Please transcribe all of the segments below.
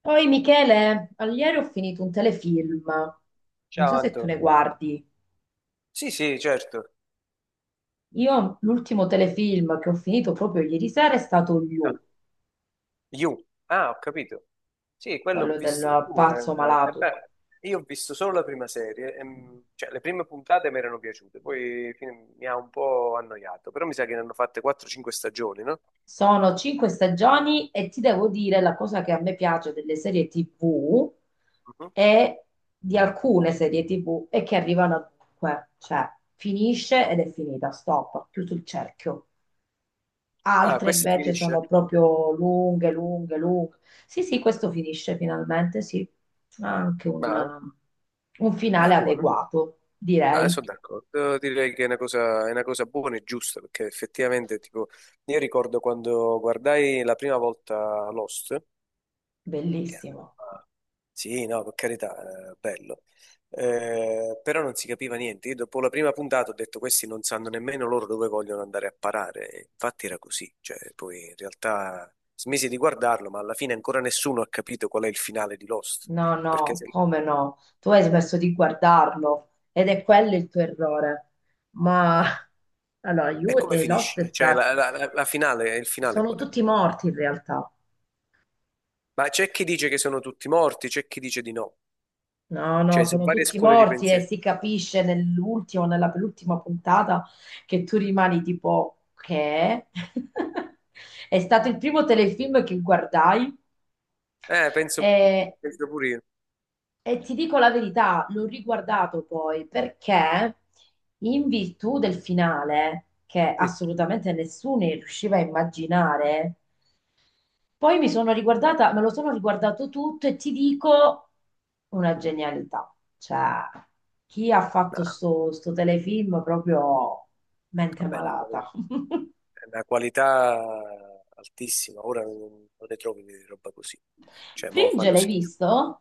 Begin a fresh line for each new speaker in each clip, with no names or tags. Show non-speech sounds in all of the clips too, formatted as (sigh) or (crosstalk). Poi Michele, ieri ho finito un telefilm, non
Ciao
so se tu
Anto.
ne guardi.
Sì, sì, certo.
Io l'ultimo telefilm che ho finito proprio ieri sera è stato
Ah,
You,
You. Ah, ho capito. Sì, quello ho
quello
visto.
del
You,
pazzo malato.
beh, io ho visto solo la prima serie, cioè le prime puntate mi erano piaciute, poi mi ha un po' annoiato, però mi sa che ne hanno fatte 4-5 stagioni, no?
Sono cinque stagioni e ti devo dire la cosa che a me piace delle serie TV
Mhm.
e di alcune serie TV è che arrivano a dunque, cioè finisce ed è finita, stop, chiuso il cerchio.
Ah,
Altre
questa
invece
finisce?
sono proprio lunghe, lunghe, lunghe. Sì, sì, questo finisce finalmente, sì. Ha anche
Ma,
un
ma
finale
buono.
adeguato,
Ma
direi.
sono d'accordo, direi che è una cosa buona e giusta, perché effettivamente, tipo, io ricordo quando guardai la prima volta Lost, che era una
Bellissimo.
roba- sì, no, per carità, bello. Però non si capiva niente. Io dopo la prima puntata ho detto questi non sanno nemmeno loro dove vogliono andare a parare. E infatti era così, cioè, poi in realtà smisi di guardarlo, ma alla fine ancora nessuno ha capito qual è il finale di Lost.
No,
Perché
no,
se...
come no? Tu hai smesso di guardarlo ed è quello il tuo errore. Ma
No.
(laughs) allora,
E
You
come
e Lost è
finisce? Cioè,
stato...
il finale
sono
qual è?
tutti morti in realtà.
Ma c'è chi dice che sono tutti morti, c'è chi dice di no.
No, no,
Cioè, sono
sono
varie
tutti
scuole di
morti e
pensiero.
si capisce nell'ultimo, nella penultima puntata che tu rimani tipo che (laughs) è stato il primo telefilm che guardai
Eh, penso,
e,
penso pure io.
e ti dico la verità, l'ho riguardato poi perché in virtù del finale che
Mm,
assolutamente nessuno riusciva a immaginare, poi mi sono riguardata, me lo sono riguardato tutto e ti dico una genialità. Cioè, chi ha
no,
fatto sto telefilm proprio
va
mente
bene,
malata.
è una qualità altissima. Ora non ne trovi di roba così.
(laughs)
Cioè, mo
Fringe,
fanno
l'hai
schifo.
visto?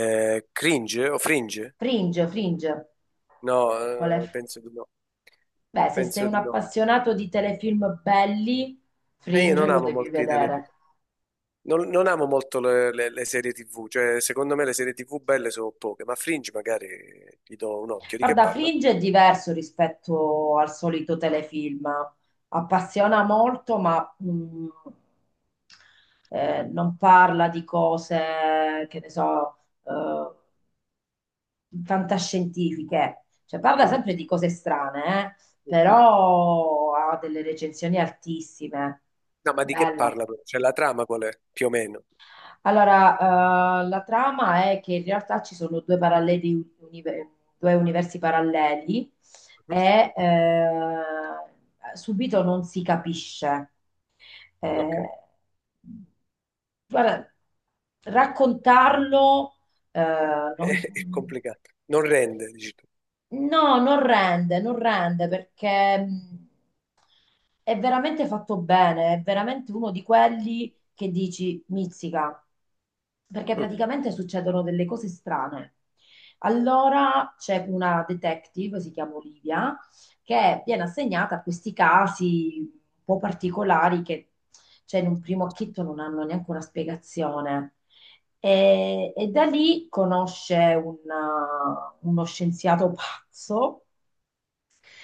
Cringe o fringe?
Fringe, Fringe.
No,
Qual è?
penso di no.
Beh, se sei
Penso
un
di no.
appassionato di telefilm belli,
E io
Fringe
non
lo
amo
devi
molti telefilm.
vedere.
Non amo molto le serie TV, cioè secondo me le serie TV belle sono poche, ma Fringe magari gli do un occhio. Di che
Guarda,
parla?
Fringe è diverso rispetto al solito telefilm. Appassiona molto, ma non parla di cose, che ne so, eh, fantascientifiche. Cioè, parla
Mm.
sempre di cose strane,
Mhm.
però ha delle recensioni altissime.
No, ma di che
Bello.
parla? Però? Cioè la trama qual è? Più o meno.
Allora, la trama è che in realtà ci sono due universi paralleli
Mhm.
e subito non si capisce. Eh,
Ok, (laughs)
guarda, raccontarlo non-
è complicato. Non rende, dici tu.
No, non rende, non rende perché è veramente fatto bene, è veramente uno di quelli che dici mizzica, perché
Mm.
praticamente succedono delle cose strane. Allora c'è una detective, si chiama Olivia, che viene assegnata a questi casi un po' particolari che, cioè, in un primo acchito non hanno neanche una spiegazione. E da lì conosce uno scienziato pazzo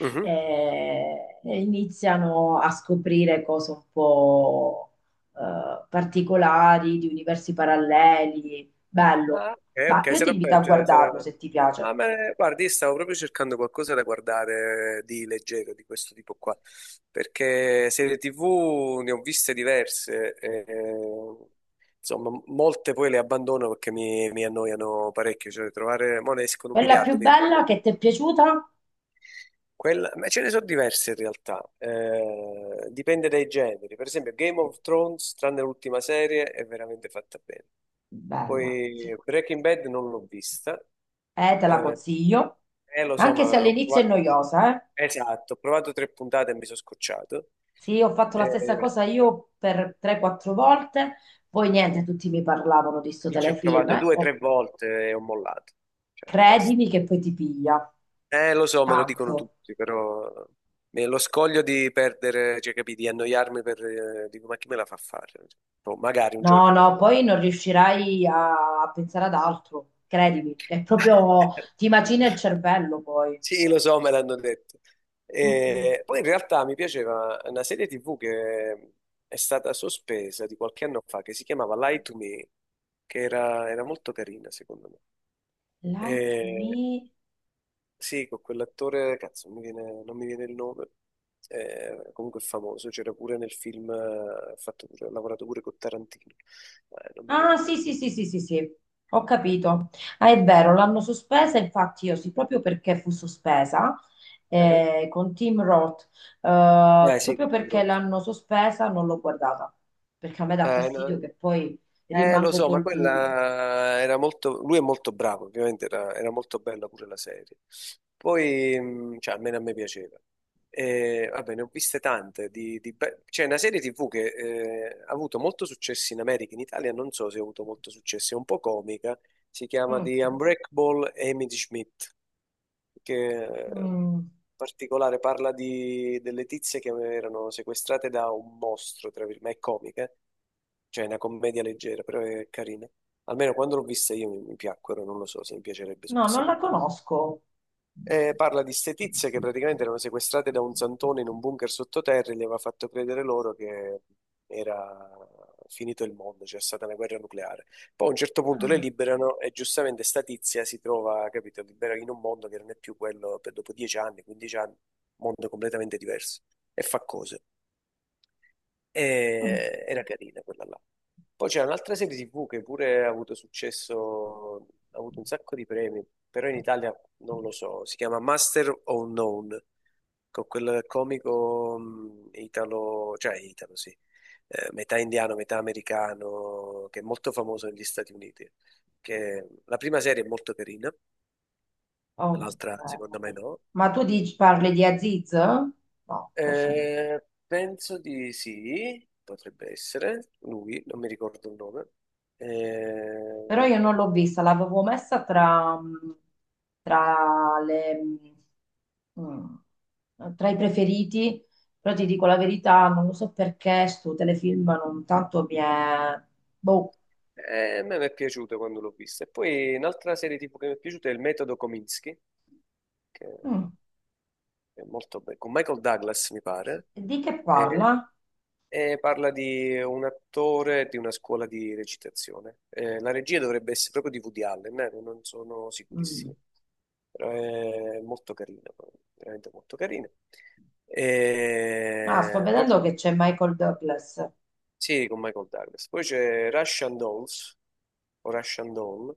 Mhm.
iniziano a scoprire cose un po' particolari di universi paralleli. Bello.
Ah, ok,
Ma
ok,
io ti
sarà
invito a
per, cioè, sarà.
guardarlo se ti piace.
Ah, ma guardi, io stavo proprio cercando qualcosa da guardare di leggero, di questo tipo qua, perché serie TV ne ho viste diverse, insomma, molte poi le abbandono perché mi annoiano parecchio, cioè trovare, mo ne escono un
Quella
miliardo,
più
quindi
bella che ti è piaciuta?
ma ce ne sono diverse in realtà, dipende dai generi. Per esempio, Game of Thrones, tranne l'ultima serie, è veramente fatta bene.
Bella, sì.
Poi Breaking Bad non l'ho vista,
Te la
eh,
consiglio.
lo so,
Anche se
ma ho
all'inizio è
provato,
noiosa, eh.
esatto, ho provato tre puntate e mi sono scocciato.
Sì, ho fatto la stessa
Eh,
cosa io per 3-4 volte, poi niente, tutti mi parlavano di sto
lì ci ho
telefilm,
provato
eh.
due o
Oh,
tre volte e ho mollato. Cioè, basta.
credimi che poi ti piglia,
Lo so, me lo dicono
tanto.
tutti, però lo scoglio di perdere, cioè, capì, di annoiarmi dico, ma chi me la fa fare? Boh, magari un
No,
giorno me la
no,
farà.
poi non riuscirai a pensare ad altro, credimi, è proprio,
(laughs)
ti macina il cervello poi.
Sì, lo so, me l'hanno detto.
Mm, mm.
E poi in realtà mi piaceva una serie TV che è stata sospesa di qualche anno fa, che si chiamava Lie to Me, che era molto carina, secondo me.
Lie to
E
me,
sì, con quell'attore, cazzo, non mi viene il nome, comunque è famoso, c'era pure nel film, ha lavorato pure con Tarantino. Non mi viene
ah,
il
sì,
nome.
sì, sì, sì, sì, sì, ho capito. Ah, è vero, l'hanno sospesa, infatti io sì, proprio perché fu sospesa
Eh,
con Tim Roth,
Eh sì,
proprio
Martin
perché
Brod.
l'hanno sospesa non l'ho guardata, perché a me dà fastidio
No,
che poi
Lo
rimango
so, ma
col dubbio.
quella era molto. Lui è molto bravo, ovviamente era molto bella pure la serie. Poi, cioè, almeno a me piaceva. E, vabbè, ne ho viste tante. C'è una serie TV che ha avuto molto successo in America, in Italia non so se ha avuto molto successo, è un po' comica. Si chiama
Mm,
The Unbreakable Amy Schmidt, che
mm.
in particolare parla delle tizie che erano sequestrate da un mostro, tra virgolette, ma è comica. Cioè, è una commedia leggera, però è carina. Almeno quando l'ho vista io mi piacquero, non lo so se mi piacerebbe se è
No, non
passato
la
un po' di tempo.
conosco.
Parla di ste tizie che praticamente erano sequestrate da un santone in un bunker sottoterra e gli aveva fatto credere loro che era finito il mondo, c'era stata una guerra nucleare. Poi a un certo punto le
Ah,
liberano e giustamente sta tizia si trova, capito, libera in un mondo che non è più quello per dopo 10 anni, 15 anni, mondo completamente diverso e fa cose.
mm.
Era carina quella là. Poi c'è un'altra serie TV che pure ha avuto successo, ha avuto un sacco di premi, però in Italia non lo so, si chiama Master of None, con quel comico italo, cioè italo sì, metà indiano, metà americano, che è molto famoso negli Stati Uniti. Che la prima serie è molto carina,
Ok.
l'altra secondo me no.
Ma parli di Aziz? No, forse no.
Eh, penso di sì, potrebbe essere lui, non mi ricordo il nome.
Però
Ehm,
io non l'ho vista, l'avevo messa tra le, tra i preferiti, però ti dico la verità, non lo so perché sto telefilm non tanto mi è... Boh.
a me mi è piaciuto quando l'ho vista. E poi un'altra serie tipo che mi è piaciuta è Il metodo Kominsky, che
Mm.
è molto bella, con Michael Douglas, mi pare,
E di che
e,
parla?
e parla di un attore di una scuola di recitazione. La regia dovrebbe essere proprio di Woody Allen, non sono
Mm.
sicurissimo, però è molto carina, veramente molto carina.
Ah, sto
E poi
vedendo
c'è,
che c'è Michael Douglas.
sì, con Michael Douglas. Poi c'è Russian Dolls, o Russian Doll,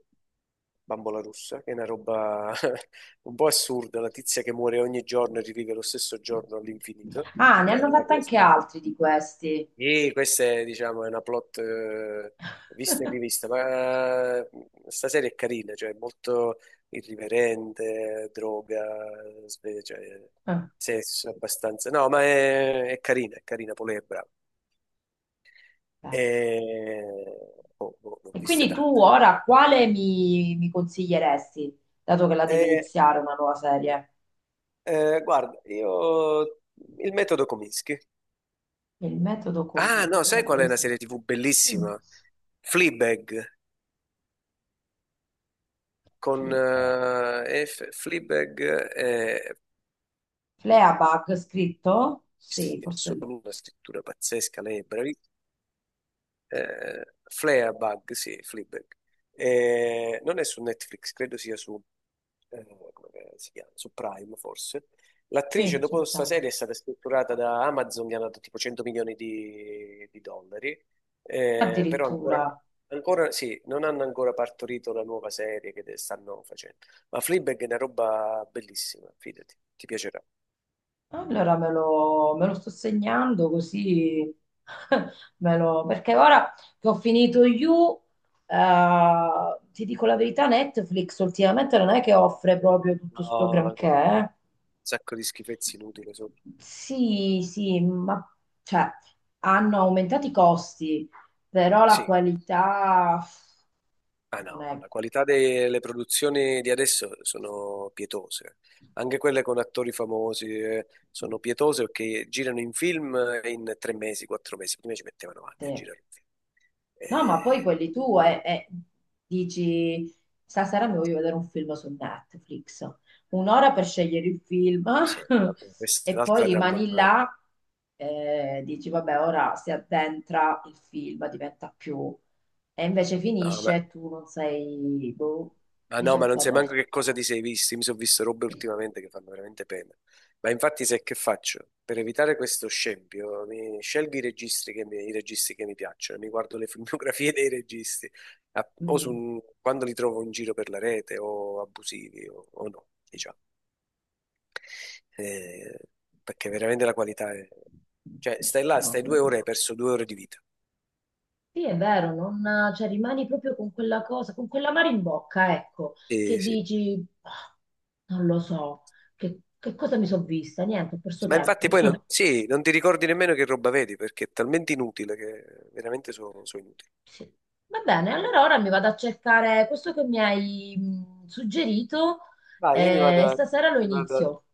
Bambola russa, che è una roba (laughs) un po' assurda, la tizia che muore ogni giorno e rivive lo stesso giorno all'infinito,
Ah, ne
che è
hanno
una
fatto
cosa.
anche altri di questi.
E questa è, diciamo, è una plot vista e
(laughs)
rivista, ma sta serie è carina, cioè è molto irriverente, droga, cioè,
Ah,
sesso abbastanza. No, ma è carina, è carina, poi lei è brava.
beh.
E... Oh, boh, ne ho
E
viste
quindi tu
tante.
ora quale mi consiglieresti, dato che la devi
E,
iniziare una nuova serie?
guarda, io il metodo Kominsky.
Il metodo
Ah, no, sai qual è
commissario,
una serie TV
mm.
bellissima? Fleabag, con
Flippe.
Fleabag è
Fleabag scritto? Sì,
in
forse lei.
assoluto una scrittura pazzesca, Fleabag, sì, Fleabag. Non è su Netflix, credo sia su, eh, come che si chiama? Su Prime forse.
Sì,
L'attrice dopo
su
questa
Prime.
serie è stata strutturata da Amazon, gli hanno dato tipo 100 milioni di dollari, però ancora,
Addirittura.
ancora sì, non hanno ancora partorito la nuova serie che stanno facendo. Ma Fleabag è una roba bellissima, fidati, ti piacerà.
Allora me lo sto segnando così (laughs) perché ora che ho finito You, eh, ti dico la verità, Netflix ultimamente non è che offre proprio tutto
No,
sto
un
granché, eh.
sacco di schifezze inutili sotto.
Sì, sì, ma cioè, hanno aumentato i costi, però la
Sì,
qualità
ah no, ma
non
la qualità delle produzioni di adesso sono pietose, anche quelle con attori famosi sono pietose perché girano in film in 3 mesi, 4 mesi, prima ci mettevano anni a
è...
girare un film.
No, ma poi
E,
quelli tu dici, stasera mi voglio vedere un film su Netflix, un'ora per scegliere il film (laughs)
sì, vabbè, questa è
e poi
un'altra dramma.
rimani là, dici, vabbè, ora si addentra il film, diventa più... E invece finisce e tu non sei... Boh,
Ah no, ma
dice,
non sai
vabbè,
manco che cosa ti sei visto. Io Mi sono visto robe ultimamente che fanno veramente pena. Ma infatti, sai che faccio? Per evitare questo scempio, mi scelgo i registi che mi piacciono, mi guardo le filmografie (laughs) dei registi,
mm,
quando li trovo in giro per la rete, o abusivi, o no, diciamo. Eh, perché veramente la qualità è. Cioè, stai là, stai due
no,
ore, e hai perso 2 ore di vita.
sì, è vero, non, cioè, rimani proprio con quella cosa, con quell'amaro in bocca, ecco, che
Sì, sì,
dici, "Ah, non lo so, che, cosa mi sono vista? Niente, ho
sì.
perso
Ma infatti
tempo.
poi non,
(laughs)
sì, non ti ricordi nemmeno che roba vedi, perché è talmente inutile che veramente sono inutili.
Sì. Va bene, allora ora mi vado a cercare questo che mi hai suggerito
Vai, io mi vado,
e
a-
stasera lo
mi vado a-
inizio.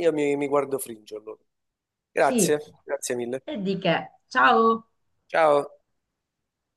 io mi guardo Fringe allora.
Sì,
Grazie, grazie mille.
e di che? Ciao!
Ciao.